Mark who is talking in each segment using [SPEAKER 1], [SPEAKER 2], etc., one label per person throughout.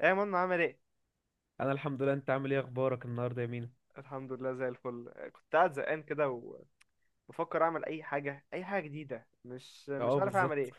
[SPEAKER 1] ايه يا منى، عامل ايه؟
[SPEAKER 2] انا الحمد لله، انت عامل ايه؟ اخبارك النهارده يا مينا؟
[SPEAKER 1] الحمد لله، زي الفل. كنت قاعد زهقان كده، وبفكر اعمل اي حاجه، اي حاجه جديده، مش
[SPEAKER 2] اه
[SPEAKER 1] عارف اعمل
[SPEAKER 2] بالظبط.
[SPEAKER 1] ايه.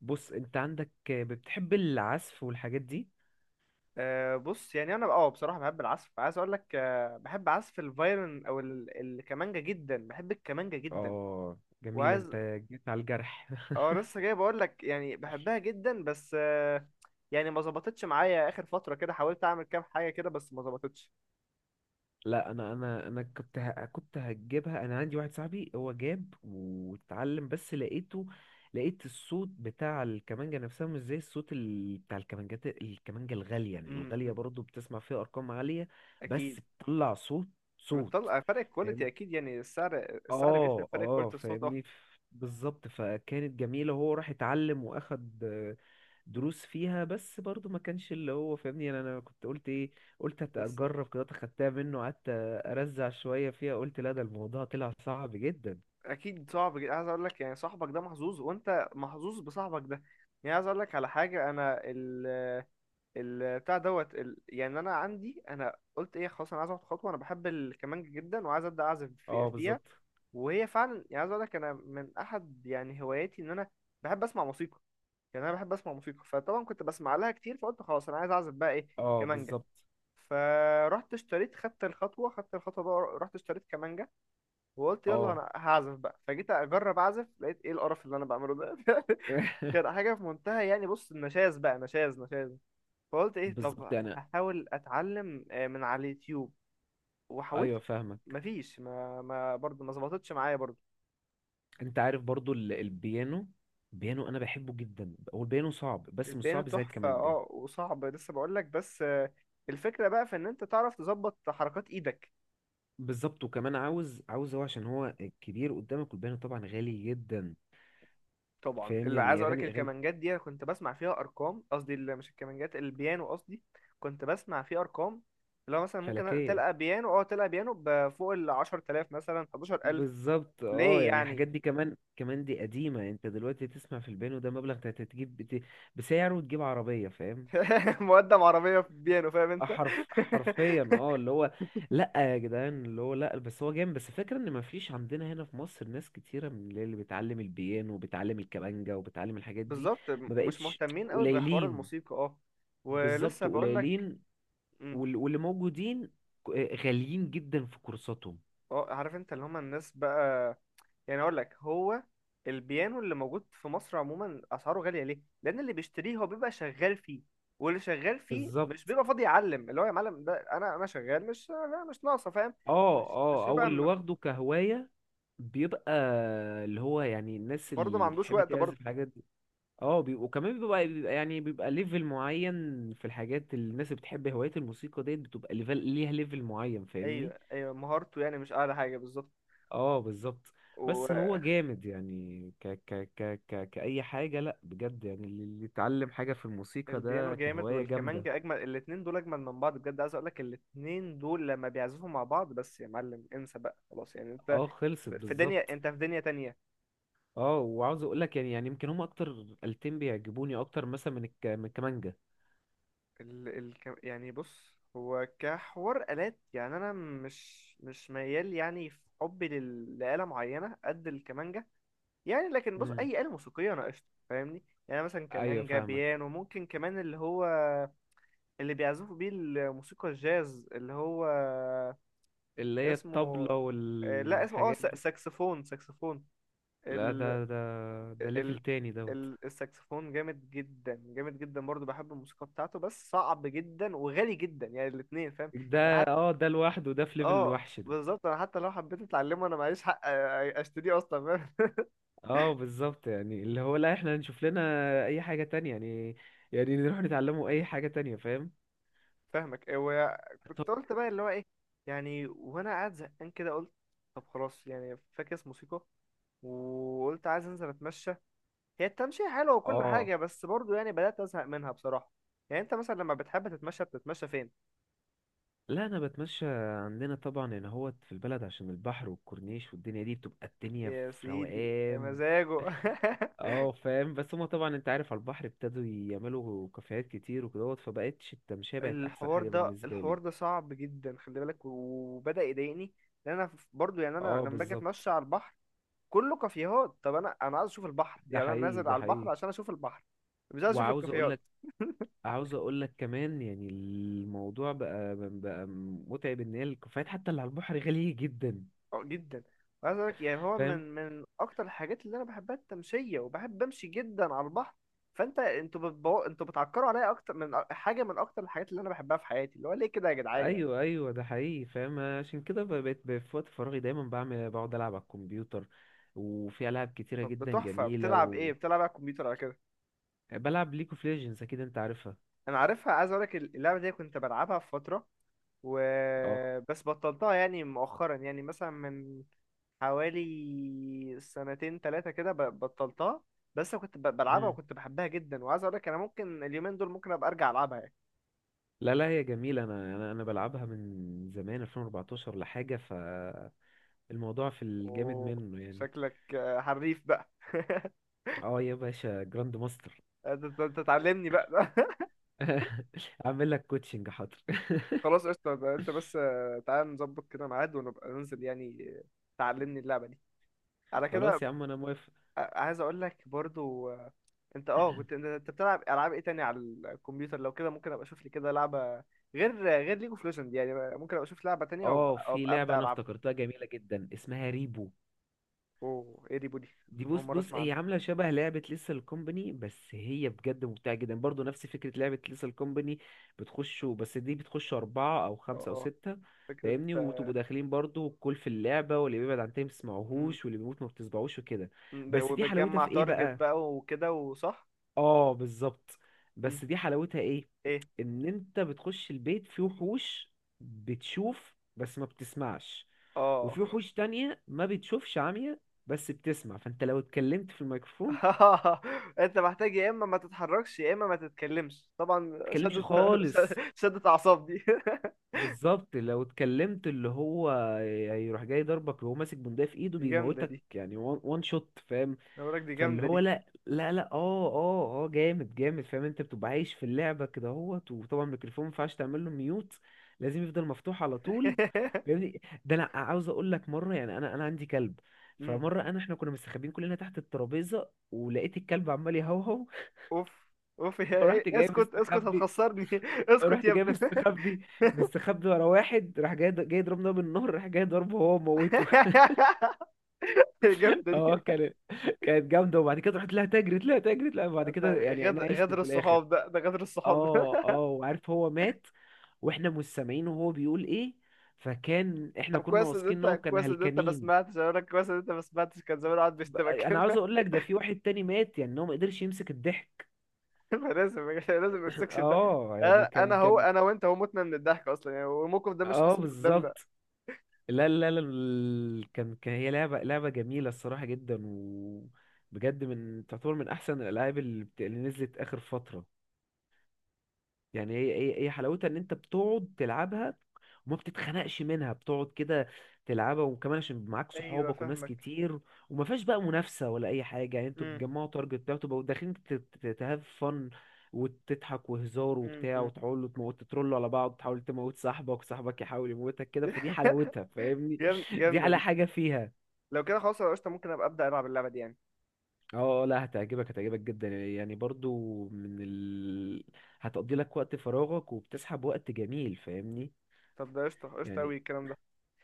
[SPEAKER 2] بص، انت عندك بتحب العزف والحاجات دي.
[SPEAKER 1] بص، يعني انا بصراحه بحب العزف. عايز اقول لك بحب عزف الفايلن، او الكمانجه جدا. بحب الكمانجه جدا،
[SPEAKER 2] اه جميلة
[SPEAKER 1] وعايز.
[SPEAKER 2] انت، جيت على الجرح.
[SPEAKER 1] اه، لسه جاي بقول لك، يعني بحبها جدا. بس يعني ما ظبطتش معايا اخر فتره كده. حاولت اعمل كام حاجه كده، بس ما ظبطتش.
[SPEAKER 2] لا انا كنت كنت هجيبها، انا عندي واحد صاحبي هو جاب واتعلم، بس لقيته لقيت الصوت بتاع الكمانجة نفسها مش زي الصوت بتاع الكمانجات، الكمانجة الغالية يعني،
[SPEAKER 1] امم
[SPEAKER 2] الغالية
[SPEAKER 1] امم،
[SPEAKER 2] برضو بتسمع فيها ارقام عالية.
[SPEAKER 1] اكيد.
[SPEAKER 2] بس بتطلع صوت.
[SPEAKER 1] بتطلع فرق الكواليتي، اكيد، يعني السعر بيفرق،
[SPEAKER 2] اه
[SPEAKER 1] فرق
[SPEAKER 2] اه
[SPEAKER 1] كواليتي الصوت، اه.
[SPEAKER 2] فاهمني، بالظبط. فكانت جميلة، هو راح اتعلم واخد دروس فيها، بس برضو ما كانش اللي هو فاهمني، انا كنت قلت ايه؟ قلت
[SPEAKER 1] بس
[SPEAKER 2] اجرب كده، اخدتها منه، قعدت ارزع شوية فيها، قلت لا، ده الموضوع طلع صعب جدا.
[SPEAKER 1] اكيد صعب جدا. عايز اقول لك يعني صاحبك ده محظوظ، وانت محظوظ بصاحبك ده. يعني عايز اقول لك على حاجه. انا ال ال بتاع دوت ال يعني انا عندي. انا قلت ايه؟ خلاص، انا عايز اخد خطوه. انا بحب الكمانجه جدا، وعايز ابدا اعزف
[SPEAKER 2] اه
[SPEAKER 1] فيها.
[SPEAKER 2] بالظبط.
[SPEAKER 1] وهي فعلا، يعني عايز اقول لك انا من احد يعني هواياتي ان انا بحب اسمع موسيقى. يعني انا بحب اسمع موسيقى، فطبعا كنت بسمع لها كتير. فقلت خلاص انا عايز اعزف بقى ايه؟
[SPEAKER 2] اه
[SPEAKER 1] كمانجه.
[SPEAKER 2] بالظبط.
[SPEAKER 1] فرحت اشتريت، خدت الخطوه، خدت الخطوه بقى، رحت اشتريت كمانجه. وقلت يلا
[SPEAKER 2] اه.
[SPEAKER 1] انا هعزف بقى. فجيت اجرب اعزف، لقيت ايه القرف اللي انا بعمله ده! كانت حاجه في منتهى يعني، بص، النشاز بقى، نشاز نشاز. فقلت ايه؟ طب
[SPEAKER 2] بالظبط انا.
[SPEAKER 1] هحاول اتعلم من على اليوتيوب. وحاولت،
[SPEAKER 2] ايوه فاهمك.
[SPEAKER 1] مفيش. ما ما برضه ما ظبطتش معايا برضه.
[SPEAKER 2] انت عارف برضو البيانو، البيانو انا بحبه جدا. هو البيانو صعب، بس مش
[SPEAKER 1] البيانو
[SPEAKER 2] صعب زي
[SPEAKER 1] تحفه،
[SPEAKER 2] الكمانجا.
[SPEAKER 1] اه، وصعب، لسه بقول لك. بس الفكره بقى في ان انت تعرف تظبط حركات ايدك.
[SPEAKER 2] بالظبط. وكمان عاوز هو عشان هو كبير قدامك، والبيانو طبعا غالي جدا.
[SPEAKER 1] طبعا
[SPEAKER 2] فاهم،
[SPEAKER 1] اللي عايز
[SPEAKER 2] يعني
[SPEAKER 1] اقول لك،
[SPEAKER 2] اغاني
[SPEAKER 1] الكمانجات دي أنا كنت بسمع فيها ارقام، قصدي مش الكمانجات، البيانو قصدي. كنت بسمع فيه ارقام، اللي هو مثلا ممكن
[SPEAKER 2] فلكيه.
[SPEAKER 1] تلقى بيانو بفوق ال 10,000، مثلا 11,000.
[SPEAKER 2] بالظبط اه.
[SPEAKER 1] ليه
[SPEAKER 2] يعني
[SPEAKER 1] يعني؟
[SPEAKER 2] الحاجات دي كمان دي قديمه. انت دلوقتي تسمع في البيانو ده مبلغ انت هتجيب بسعره وتجيب عربيه، فاهم؟
[SPEAKER 1] مقدم عربيه في بيانو! فاهم انت؟
[SPEAKER 2] حرف حرفيا. اه اللي هو لا يا جدعان، اللي هو لا، بس هو جامد. بس فكرة ان مفيش عندنا هنا في مصر ناس كتيره من اللي بتعلم البيانو وبتعلم الكمانجا وبتعلم الحاجات دي.
[SPEAKER 1] بالظبط.
[SPEAKER 2] ما
[SPEAKER 1] مش
[SPEAKER 2] بقتش
[SPEAKER 1] مهتمين قوي بحوار
[SPEAKER 2] قليلين.
[SPEAKER 1] الموسيقى، اه. ولسه
[SPEAKER 2] بالظبط
[SPEAKER 1] بقول لك،
[SPEAKER 2] قليلين.
[SPEAKER 1] م،
[SPEAKER 2] واللي موجودين ك- غاليين جدا في كورساتهم.
[SPEAKER 1] اه، عارف انت اللي هم الناس بقى. يعني اقول لك هو البيانو اللي موجود في مصر عموما اسعاره غاليه. ليه؟ لان اللي بيشتريه هو بيبقى شغال فيه، واللي شغال فيه
[SPEAKER 2] بالظبط.
[SPEAKER 1] مش بيبقى فاضي يعلم. اللي هو، يا معلم، ده انا شغال، مش ناقصه، فاهم؟
[SPEAKER 2] اه
[SPEAKER 1] مش
[SPEAKER 2] اه، او
[SPEAKER 1] بيبقى
[SPEAKER 2] اللي واخده كهواية بيبقى، اللي هو يعني الناس
[SPEAKER 1] برضه ما
[SPEAKER 2] اللي
[SPEAKER 1] عندوش
[SPEAKER 2] بتحب
[SPEAKER 1] وقت برضه.
[SPEAKER 2] تعزف الحاجات دي. وكمان بيبقى يعني بيبقى ليفل معين. في الحاجات اللي الناس اللي بتحب هواية الموسيقى ديت، بتبقى ليفل، ليها ليفل معين، فاهمني؟
[SPEAKER 1] ايوه ايوه، مهارته يعني مش اعلى حاجه بالظبط.
[SPEAKER 2] اه بالظبط. بس هو جامد يعني، كأي حاجة. لا بجد، يعني اللي يتعلم حاجة في الموسيقى
[SPEAKER 1] والبيانو
[SPEAKER 2] ده
[SPEAKER 1] جامد،
[SPEAKER 2] كهواية جامدة.
[SPEAKER 1] والكمانجا اجمل. الاتنين دول اجمل من بعض بجد. عايز اقول لك الاتنين دول لما بيعزفوا مع بعض، بس يا معلم انسى بقى، خلاص يعني. انت
[SPEAKER 2] اه خلصت،
[SPEAKER 1] في دنيا
[SPEAKER 2] بالظبط.
[SPEAKER 1] انت في دنيا تانية.
[SPEAKER 2] اه، وعاوز اقول لك يعني، يعني يمكن هم اكتر آلتين بيعجبوني اكتر مثلا من من الكمانجا.
[SPEAKER 1] يعني بص، هو كحوار آلات، يعني أنا مش ميال يعني في حبي لآلة معينة قد الكمانجا. يعني لكن بص،
[SPEAKER 2] امم.
[SPEAKER 1] أي آلة موسيقية أنا قشطة، فاهمني؟ يعني مثلا
[SPEAKER 2] ايوه
[SPEAKER 1] كمانجا،
[SPEAKER 2] فاهمك.
[SPEAKER 1] بيانو، ممكن كمان اللي هو اللي بيعزفوا بيه الموسيقى الجاز، اللي هو
[SPEAKER 2] اللي هي
[SPEAKER 1] اسمه
[SPEAKER 2] الطبلة
[SPEAKER 1] لا اسمه
[SPEAKER 2] والحاجات دي.
[SPEAKER 1] ساكسفون، ساكسفون.
[SPEAKER 2] لا، ده ليفل
[SPEAKER 1] ال...
[SPEAKER 2] تاني دوت
[SPEAKER 1] الساكسفون جامد جدا، جامد جدا. برضو بحب الموسيقى بتاعته، بس صعب جدا وغالي جدا يعني الاتنين، فاهم؟
[SPEAKER 2] ده.
[SPEAKER 1] يعني حتى.
[SPEAKER 2] اه ده لوحده ده في ليفل
[SPEAKER 1] اه،
[SPEAKER 2] الوحش ده.
[SPEAKER 1] بالظبط. انا حتى لو حبيت اتعلمه، انا معيش حق اشتريه اصلا، فاهم؟
[SPEAKER 2] اه بالظبط، يعني اللي هو لا، احنا نشوف لنا اي حاجة تانية يعني، يعني نروح نتعلمه اي حاجة تانية، فاهم؟
[SPEAKER 1] فاهمك.
[SPEAKER 2] طب
[SPEAKER 1] وكنت قلت بقى اللي هو ايه؟ يعني وانا قاعد زهقان كده، قلت طب خلاص يعني فاكس موسيقى. وقلت عايز انزل اتمشى. هي التمشية حلوة وكل
[SPEAKER 2] اه.
[SPEAKER 1] حاجة، بس برضو يعني بدأت ازهق منها بصراحة. يعني انت مثلا لما بتحب تتمشى، بتتمشى فين؟
[SPEAKER 2] لا انا بتمشى عندنا طبعا هنا، هو في البلد عشان البحر والكورنيش والدنيا دي، بتبقى الدنيا
[SPEAKER 1] يا
[SPEAKER 2] في
[SPEAKER 1] سيدي يا
[SPEAKER 2] روقان.
[SPEAKER 1] مزاجه!
[SPEAKER 2] اه فاهم، بس هما طبعا انت عارف على البحر ابتدوا يعملوا كافيهات كتير وكدهوت، فبقتش التمشية بقت احسن حاجة بالنسبة
[SPEAKER 1] الحوار
[SPEAKER 2] لي.
[SPEAKER 1] ده صعب جدا، خلي بالك، وبدأ يضايقني. لان انا برضو يعني انا
[SPEAKER 2] اه
[SPEAKER 1] لما باجي
[SPEAKER 2] بالظبط.
[SPEAKER 1] اتمشى على البحر، كله كافيهات. طب انا عايز اشوف البحر.
[SPEAKER 2] ده
[SPEAKER 1] يعني انا
[SPEAKER 2] حقيقي
[SPEAKER 1] نازل
[SPEAKER 2] ده
[SPEAKER 1] على البحر
[SPEAKER 2] حقيقي
[SPEAKER 1] عشان اشوف البحر، مش عايز اشوف
[SPEAKER 2] وعاوز اقول
[SPEAKER 1] الكافيهات.
[SPEAKER 2] لك عاوز اقول لك كمان، يعني الموضوع بقى متعب، ان هي الكافيهات حتى اللي على البحر غالية جدا،
[SPEAKER 1] اه، جدا. وعايز اقول لك، يعني هو
[SPEAKER 2] فاهم؟
[SPEAKER 1] من اكتر الحاجات اللي انا بحبها التمشيه، وبحب امشي جدا على البحر. فانت، انتوا بتعكروا عليا اكتر من حاجه، من اكتر الحاجات اللي انا بحبها في حياتي. اللي هو ليه كده يا جدعان يعني؟
[SPEAKER 2] ايوه ده حقيقي فاهم. عشان كده بقيت في وقت فراغي دايما بعمل، بقعد العب على الكمبيوتر، وفي العاب كتيرة
[SPEAKER 1] طب ده
[SPEAKER 2] جدا
[SPEAKER 1] تحفه،
[SPEAKER 2] جميلة،
[SPEAKER 1] بتلعب ايه؟ بتلعب على الكمبيوتر على كده؟
[SPEAKER 2] وبلعب ليج اوف ليجندز، اكيد انت عارفها.
[SPEAKER 1] انا عارفها. عايز اقولك اللعبه دي كنت بلعبها في فتره وبس. بطلتها يعني مؤخرا، يعني مثلا من حوالي سنتين ثلاثه كده بطلتها. بس أنا كنت بلعبها،
[SPEAKER 2] اه
[SPEAKER 1] وكنت بحبها جدا. وعايز اقولك انا ممكن اليومين دول ممكن ابقى ارجع العبها يعني.
[SPEAKER 2] لا لا، هي جميلة. أنا بلعبها من زمان 2014 لحاجة، فالموضوع في الجامد
[SPEAKER 1] أوه،
[SPEAKER 2] منه يعني.
[SPEAKER 1] شكلك حريف بقى!
[SPEAKER 2] اه يا باشا، جراند ماستر.
[SPEAKER 1] انت أنت تعلمني بقى.
[SPEAKER 2] أعمل لك كوتشنج، حاضر.
[SPEAKER 1] خلاص، قشطه. ده انت بس، تعال نظبط كده ميعاد، ونبقى ننزل يعني، تعلمني اللعبه دي على كده.
[SPEAKER 2] خلاص يا عم، أنا موافق.
[SPEAKER 1] عايز اقول لك برضو، انت كنت، أنت بتلعب العاب ايه تاني على الكمبيوتر لو كده؟ ممكن ابقى اشوف لي كده لعبه، غير ليج اوف ليجند يعني. ممكن ابقى اشوف لعبه تانية
[SPEAKER 2] اه في
[SPEAKER 1] وابقى
[SPEAKER 2] لعبة
[SPEAKER 1] ابدا
[SPEAKER 2] أنا
[SPEAKER 1] العبها.
[SPEAKER 2] افتكرتها جميلة جدا، اسمها ريبو.
[SPEAKER 1] اوه، ايه دي بودي؟
[SPEAKER 2] دي
[SPEAKER 1] اول
[SPEAKER 2] بص
[SPEAKER 1] مره
[SPEAKER 2] بص
[SPEAKER 1] اسمع
[SPEAKER 2] هي
[SPEAKER 1] عنها.
[SPEAKER 2] عاملة شبه لعبة ليسل كومباني، بس هي بجد ممتعة جدا، برضو نفس فكرة لعبة ليسل كومباني. بتخشوا، بس دي بتخشوا أربعة أو خمسة أو
[SPEAKER 1] اه،
[SPEAKER 2] ستة،
[SPEAKER 1] فكره.
[SPEAKER 2] فاهمني؟ وتبقوا داخلين برضو الكل في اللعبة، واللي بيبعد عن التاني ما
[SPEAKER 1] مم.
[SPEAKER 2] بتسمعوهوش، واللي بيموت ما بتسمعوش وكده. بس دي حلاوتها
[SPEAKER 1] وبتجمع
[SPEAKER 2] في إيه
[SPEAKER 1] تارجت
[SPEAKER 2] بقى؟
[SPEAKER 1] بقى وكده وصح.
[SPEAKER 2] آه بالظبط. بس
[SPEAKER 1] مم.
[SPEAKER 2] دي حلاوتها إيه؟
[SPEAKER 1] ايه؟
[SPEAKER 2] إن أنت بتخش البيت، في وحوش بتشوف بس ما بتسمعش،
[SPEAKER 1] اه.
[SPEAKER 2] وفي وحوش تانية ما بتشوفش، عمية بس بتسمع، فأنت لو اتكلمت في الميكروفون
[SPEAKER 1] انت محتاج يا اما ما تتحركش يا اما ما تتكلمش. طبعا
[SPEAKER 2] تتكلمش خالص.
[SPEAKER 1] شدت اعصاب دي!
[SPEAKER 2] بالظبط، لو اتكلمت، اللي هو هيروح جاي ضربك وهو ماسك بندقية في ايده،
[SPEAKER 1] دي جامده
[SPEAKER 2] بيموتك
[SPEAKER 1] دي،
[SPEAKER 2] يعني، وان شوت، فاهم؟
[SPEAKER 1] انا بقولك دي
[SPEAKER 2] فاللي
[SPEAKER 1] جامده
[SPEAKER 2] هو
[SPEAKER 1] دي.
[SPEAKER 2] لا، اه جامد، فاهم؟ انت بتبقى عايش في اللعبة كده اهوت، وطبعا الميكروفون ما ينفعش تعمل له ميوت، لازم يفضل مفتوح على طول، فاهمني؟ ده انا عاوز اقول لك مرة، يعني انا عندي كلب.
[SPEAKER 1] مم.
[SPEAKER 2] فمرة انا احنا كنا مستخبيين كلنا تحت الترابيزة، ولقيت الكلب عمال يهوهو.
[SPEAKER 1] اوف، اوف يا إيه؟
[SPEAKER 2] فرحت جاي
[SPEAKER 1] اسكت اسكت،
[SPEAKER 2] مستخبي،
[SPEAKER 1] هتخسرني! اسكت
[SPEAKER 2] رحت
[SPEAKER 1] يا
[SPEAKER 2] جاي
[SPEAKER 1] ابني!
[SPEAKER 2] مستخبي مستخبي ورا واحد، راح جاي جاي ضربنا من النهر، راح جاي ضربه، هو موته.
[SPEAKER 1] جامدة دي.
[SPEAKER 2] اه كانت جامده، وبعد كده رحت لها، تجرت لها، وبعد
[SPEAKER 1] انت
[SPEAKER 2] كده يعني انا عشت
[SPEAKER 1] غدر
[SPEAKER 2] في الاخر.
[SPEAKER 1] الصحاب ده، غدر الصحاب ده!
[SPEAKER 2] اه اه وعارف هو مات، واحنا مش سامعين وهو بيقول ايه، فكان احنا
[SPEAKER 1] طب
[SPEAKER 2] كنا
[SPEAKER 1] كويس ان
[SPEAKER 2] واثقين ان
[SPEAKER 1] انت،
[SPEAKER 2] هو كان
[SPEAKER 1] ما
[SPEAKER 2] هلكانين.
[SPEAKER 1] سمعتش، اقول لك كويس ان انت ما سمعتش، كان زمان قاعد بيشتمك
[SPEAKER 2] انا عاوز
[SPEAKER 1] كده.
[SPEAKER 2] اقول لك، ده في واحد تاني مات يعني، إن هو ما قدرش يمسك الضحك.
[SPEAKER 1] فلازم، ما يمسكش ده.
[SPEAKER 2] اه
[SPEAKER 1] انا
[SPEAKER 2] يعني
[SPEAKER 1] أنا
[SPEAKER 2] كان
[SPEAKER 1] هو،
[SPEAKER 2] كان
[SPEAKER 1] انا وانت، هو متنا من الضحك اصلا يعني، والموقف ده مش
[SPEAKER 2] اه
[SPEAKER 1] حاصل قدامنا.
[SPEAKER 2] بالظبط. لا، كان هي لعبة، لعبة جميلة الصراحة جدا. وبجد من تعتبر من أحسن الألعاب اللي اللي نزلت آخر فترة. يعني هي حلاوتها ان انت بتقعد تلعبها وما بتتخنقش منها، بتقعد كده تلعبها، وكمان عشان معاك
[SPEAKER 1] ايوه،
[SPEAKER 2] صحابك وناس
[SPEAKER 1] فاهمك.
[SPEAKER 2] كتير، وما فيهاش بقى منافسة ولا اي حاجة يعني. انتوا
[SPEAKER 1] امم.
[SPEAKER 2] بتجمعوا تارجت بتاعه، تبقوا داخلين تهاف فن، وتضحك وهزار
[SPEAKER 1] امم.
[SPEAKER 2] وبتاع،
[SPEAKER 1] أمم.
[SPEAKER 2] وتحاولوا تموت، تترولوا على بعض، تحاول تموت صاحبك، وصاحبك يحاول يموتك كده، فدي حلاوتها، فاهمني؟ دي
[SPEAKER 1] جامدة
[SPEAKER 2] على
[SPEAKER 1] دي.
[SPEAKER 2] حاجة فيها.
[SPEAKER 1] لو كده خلاص يا قشطة، ممكن ابقى ابدا العب اللعبة دي يعني.
[SPEAKER 2] اه آه، لا هتعجبك جدا يعني، برضو من هتقضي لك وقت فراغك، وبتسحب وقت جميل، فاهمني؟
[SPEAKER 1] طب ده قشطة قشطة
[SPEAKER 2] يعني،
[SPEAKER 1] أوي الكلام ده.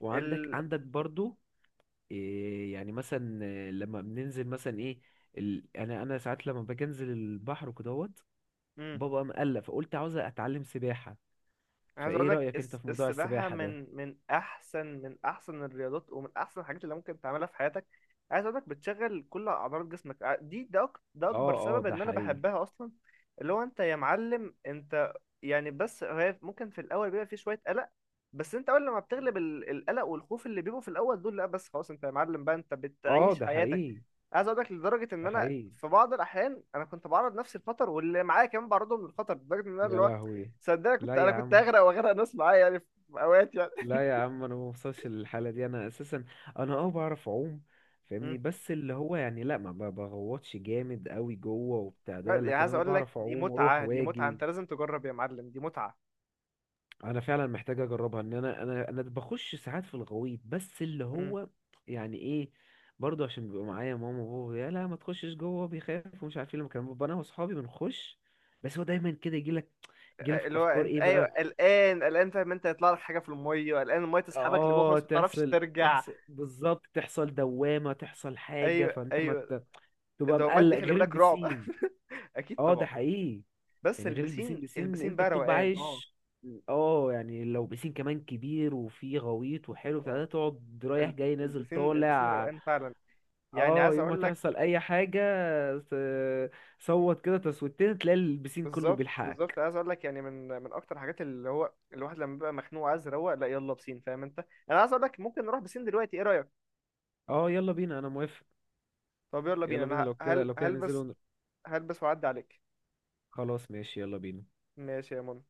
[SPEAKER 2] وعندك
[SPEAKER 1] ال...
[SPEAKER 2] عندك برضو إيه يعني، مثلا إيه، لما بننزل مثلا ايه انا ساعات لما باجي انزل البحر وكدهوت،
[SPEAKER 1] مم.
[SPEAKER 2] بابا مقلق، فقلت عاوز اتعلم سباحة.
[SPEAKER 1] انا عايز اقول
[SPEAKER 2] فايه
[SPEAKER 1] لك
[SPEAKER 2] رأيك انت في موضوع
[SPEAKER 1] السباحه
[SPEAKER 2] السباحة ده؟
[SPEAKER 1] من احسن الرياضات، ومن احسن الحاجات اللي ممكن تعملها في حياتك. عايز اقول لك بتشغل كل اعضلات جسمك. ده اكبر
[SPEAKER 2] اه اه
[SPEAKER 1] سبب
[SPEAKER 2] ده
[SPEAKER 1] ان انا
[SPEAKER 2] حقيقي.
[SPEAKER 1] بحبها اصلا. اللي هو انت يا معلم انت. يعني بس هي ممكن في الاول بيبقى في شويه قلق. بس انت اول لما بتغلب القلق والخوف اللي بيبقوا في الاول دول، لا بس خلاص، انت يا معلم بقى، انت
[SPEAKER 2] اه
[SPEAKER 1] بتعيش
[SPEAKER 2] ده
[SPEAKER 1] حياتك.
[SPEAKER 2] حقيقي
[SPEAKER 1] عايز اقول لك لدرجه ان
[SPEAKER 2] ده
[SPEAKER 1] انا
[SPEAKER 2] حقيقي
[SPEAKER 1] في بعض الاحيان انا كنت بعرض نفسي للخطر، واللي معايا كمان بعرضهم للخطر، لدرجه ان انا اللي
[SPEAKER 2] يا
[SPEAKER 1] هو.
[SPEAKER 2] لهوي.
[SPEAKER 1] صدقني،
[SPEAKER 2] لا
[SPEAKER 1] كنت انا
[SPEAKER 2] يا
[SPEAKER 1] كنت
[SPEAKER 2] عم،
[SPEAKER 1] اغرق، واغرق ناس معايا يعني، في اوقات يعني.
[SPEAKER 2] لا يا عم، انا ما بوصلش للحالة دي، انا اساسا انا اه بعرف اعوم،
[SPEAKER 1] مم.
[SPEAKER 2] فاهمني؟ بس اللي هو يعني لا، ما بغوطش جامد قوي جوه وبتاع
[SPEAKER 1] لا،
[SPEAKER 2] ده،
[SPEAKER 1] يعني
[SPEAKER 2] لكن
[SPEAKER 1] عايز
[SPEAKER 2] انا
[SPEAKER 1] اقول لك
[SPEAKER 2] بعرف
[SPEAKER 1] دي
[SPEAKER 2] اعوم واروح
[SPEAKER 1] متعه، دي متعه،
[SPEAKER 2] واجي.
[SPEAKER 1] انت لازم تجرب يا معلم، دي متعه.
[SPEAKER 2] انا فعلا محتاج اجربها، ان انا بخش ساعات في الغويط، بس اللي
[SPEAKER 1] مم.
[SPEAKER 2] هو يعني ايه، برضه عشان بيبقى معايا ماما وبابا، يا لا ما تخشش جوه، بيخاف ومش عارف ايه، لما كان بابا انا واصحابي بنخش، بس هو دايما كده يجي لك، يجي لك
[SPEAKER 1] اللي هو
[SPEAKER 2] افكار
[SPEAKER 1] انت.
[SPEAKER 2] ايه
[SPEAKER 1] ايوه،
[SPEAKER 2] بقى.
[SPEAKER 1] قلقان قلقان، فاهم انت؟ هيطلع لك حاجه في الميه، قلقان الميه تسحبك لجوه
[SPEAKER 2] اه
[SPEAKER 1] خلاص، ما تعرفش
[SPEAKER 2] تحصل
[SPEAKER 1] ترجع.
[SPEAKER 2] تحصل بالظبط، تحصل دوامة، تحصل حاجة،
[SPEAKER 1] ايوه
[SPEAKER 2] فانت ما
[SPEAKER 1] ايوه.
[SPEAKER 2] تبقى
[SPEAKER 1] الدوامات دي
[SPEAKER 2] مقلق
[SPEAKER 1] خلي
[SPEAKER 2] غير
[SPEAKER 1] بالك، رعب!
[SPEAKER 2] البسين.
[SPEAKER 1] اكيد
[SPEAKER 2] اه ده
[SPEAKER 1] طبعا.
[SPEAKER 2] حقيقي.
[SPEAKER 1] بس
[SPEAKER 2] يعني غير البسين،
[SPEAKER 1] البسين
[SPEAKER 2] بسين
[SPEAKER 1] البسين
[SPEAKER 2] انت
[SPEAKER 1] بقى
[SPEAKER 2] بتبقى
[SPEAKER 1] روقان، اه.
[SPEAKER 2] عايش. اه يعني لو بسين كمان كبير وفيه غويط وحلو بتاع
[SPEAKER 1] اه،
[SPEAKER 2] ده، تقعد رايح جاي نازل
[SPEAKER 1] البسين
[SPEAKER 2] طالع.
[SPEAKER 1] روقان فعلا. يعني
[SPEAKER 2] اه
[SPEAKER 1] عايز
[SPEAKER 2] يوم ما
[SPEAKER 1] اقول لك،
[SPEAKER 2] تحصل اي حاجة، ت- صوت كده تصويتين، تلاقي البسين كله
[SPEAKER 1] بالظبط بالظبط،
[SPEAKER 2] بيلحقك.
[SPEAKER 1] عايز اقول لك، يعني من اكتر الحاجات، اللي هو الواحد لما بيبقى مخنوق عايز يروق، لا يلا بسين، فاهم انت؟ انا عايز اقول لك ممكن نروح بسين دلوقتي، ايه رايك؟
[SPEAKER 2] اه يلا بينا، انا موافق.
[SPEAKER 1] طب يلا بينا.
[SPEAKER 2] يلا بينا،
[SPEAKER 1] انا
[SPEAKER 2] لو
[SPEAKER 1] ه-
[SPEAKER 2] كده
[SPEAKER 1] هل
[SPEAKER 2] لو كده ننزل
[SPEAKER 1] هلبس. هلبس واعدي عليك.
[SPEAKER 2] خلاص ماشي، يلا بينا.
[SPEAKER 1] ماشي يا منى.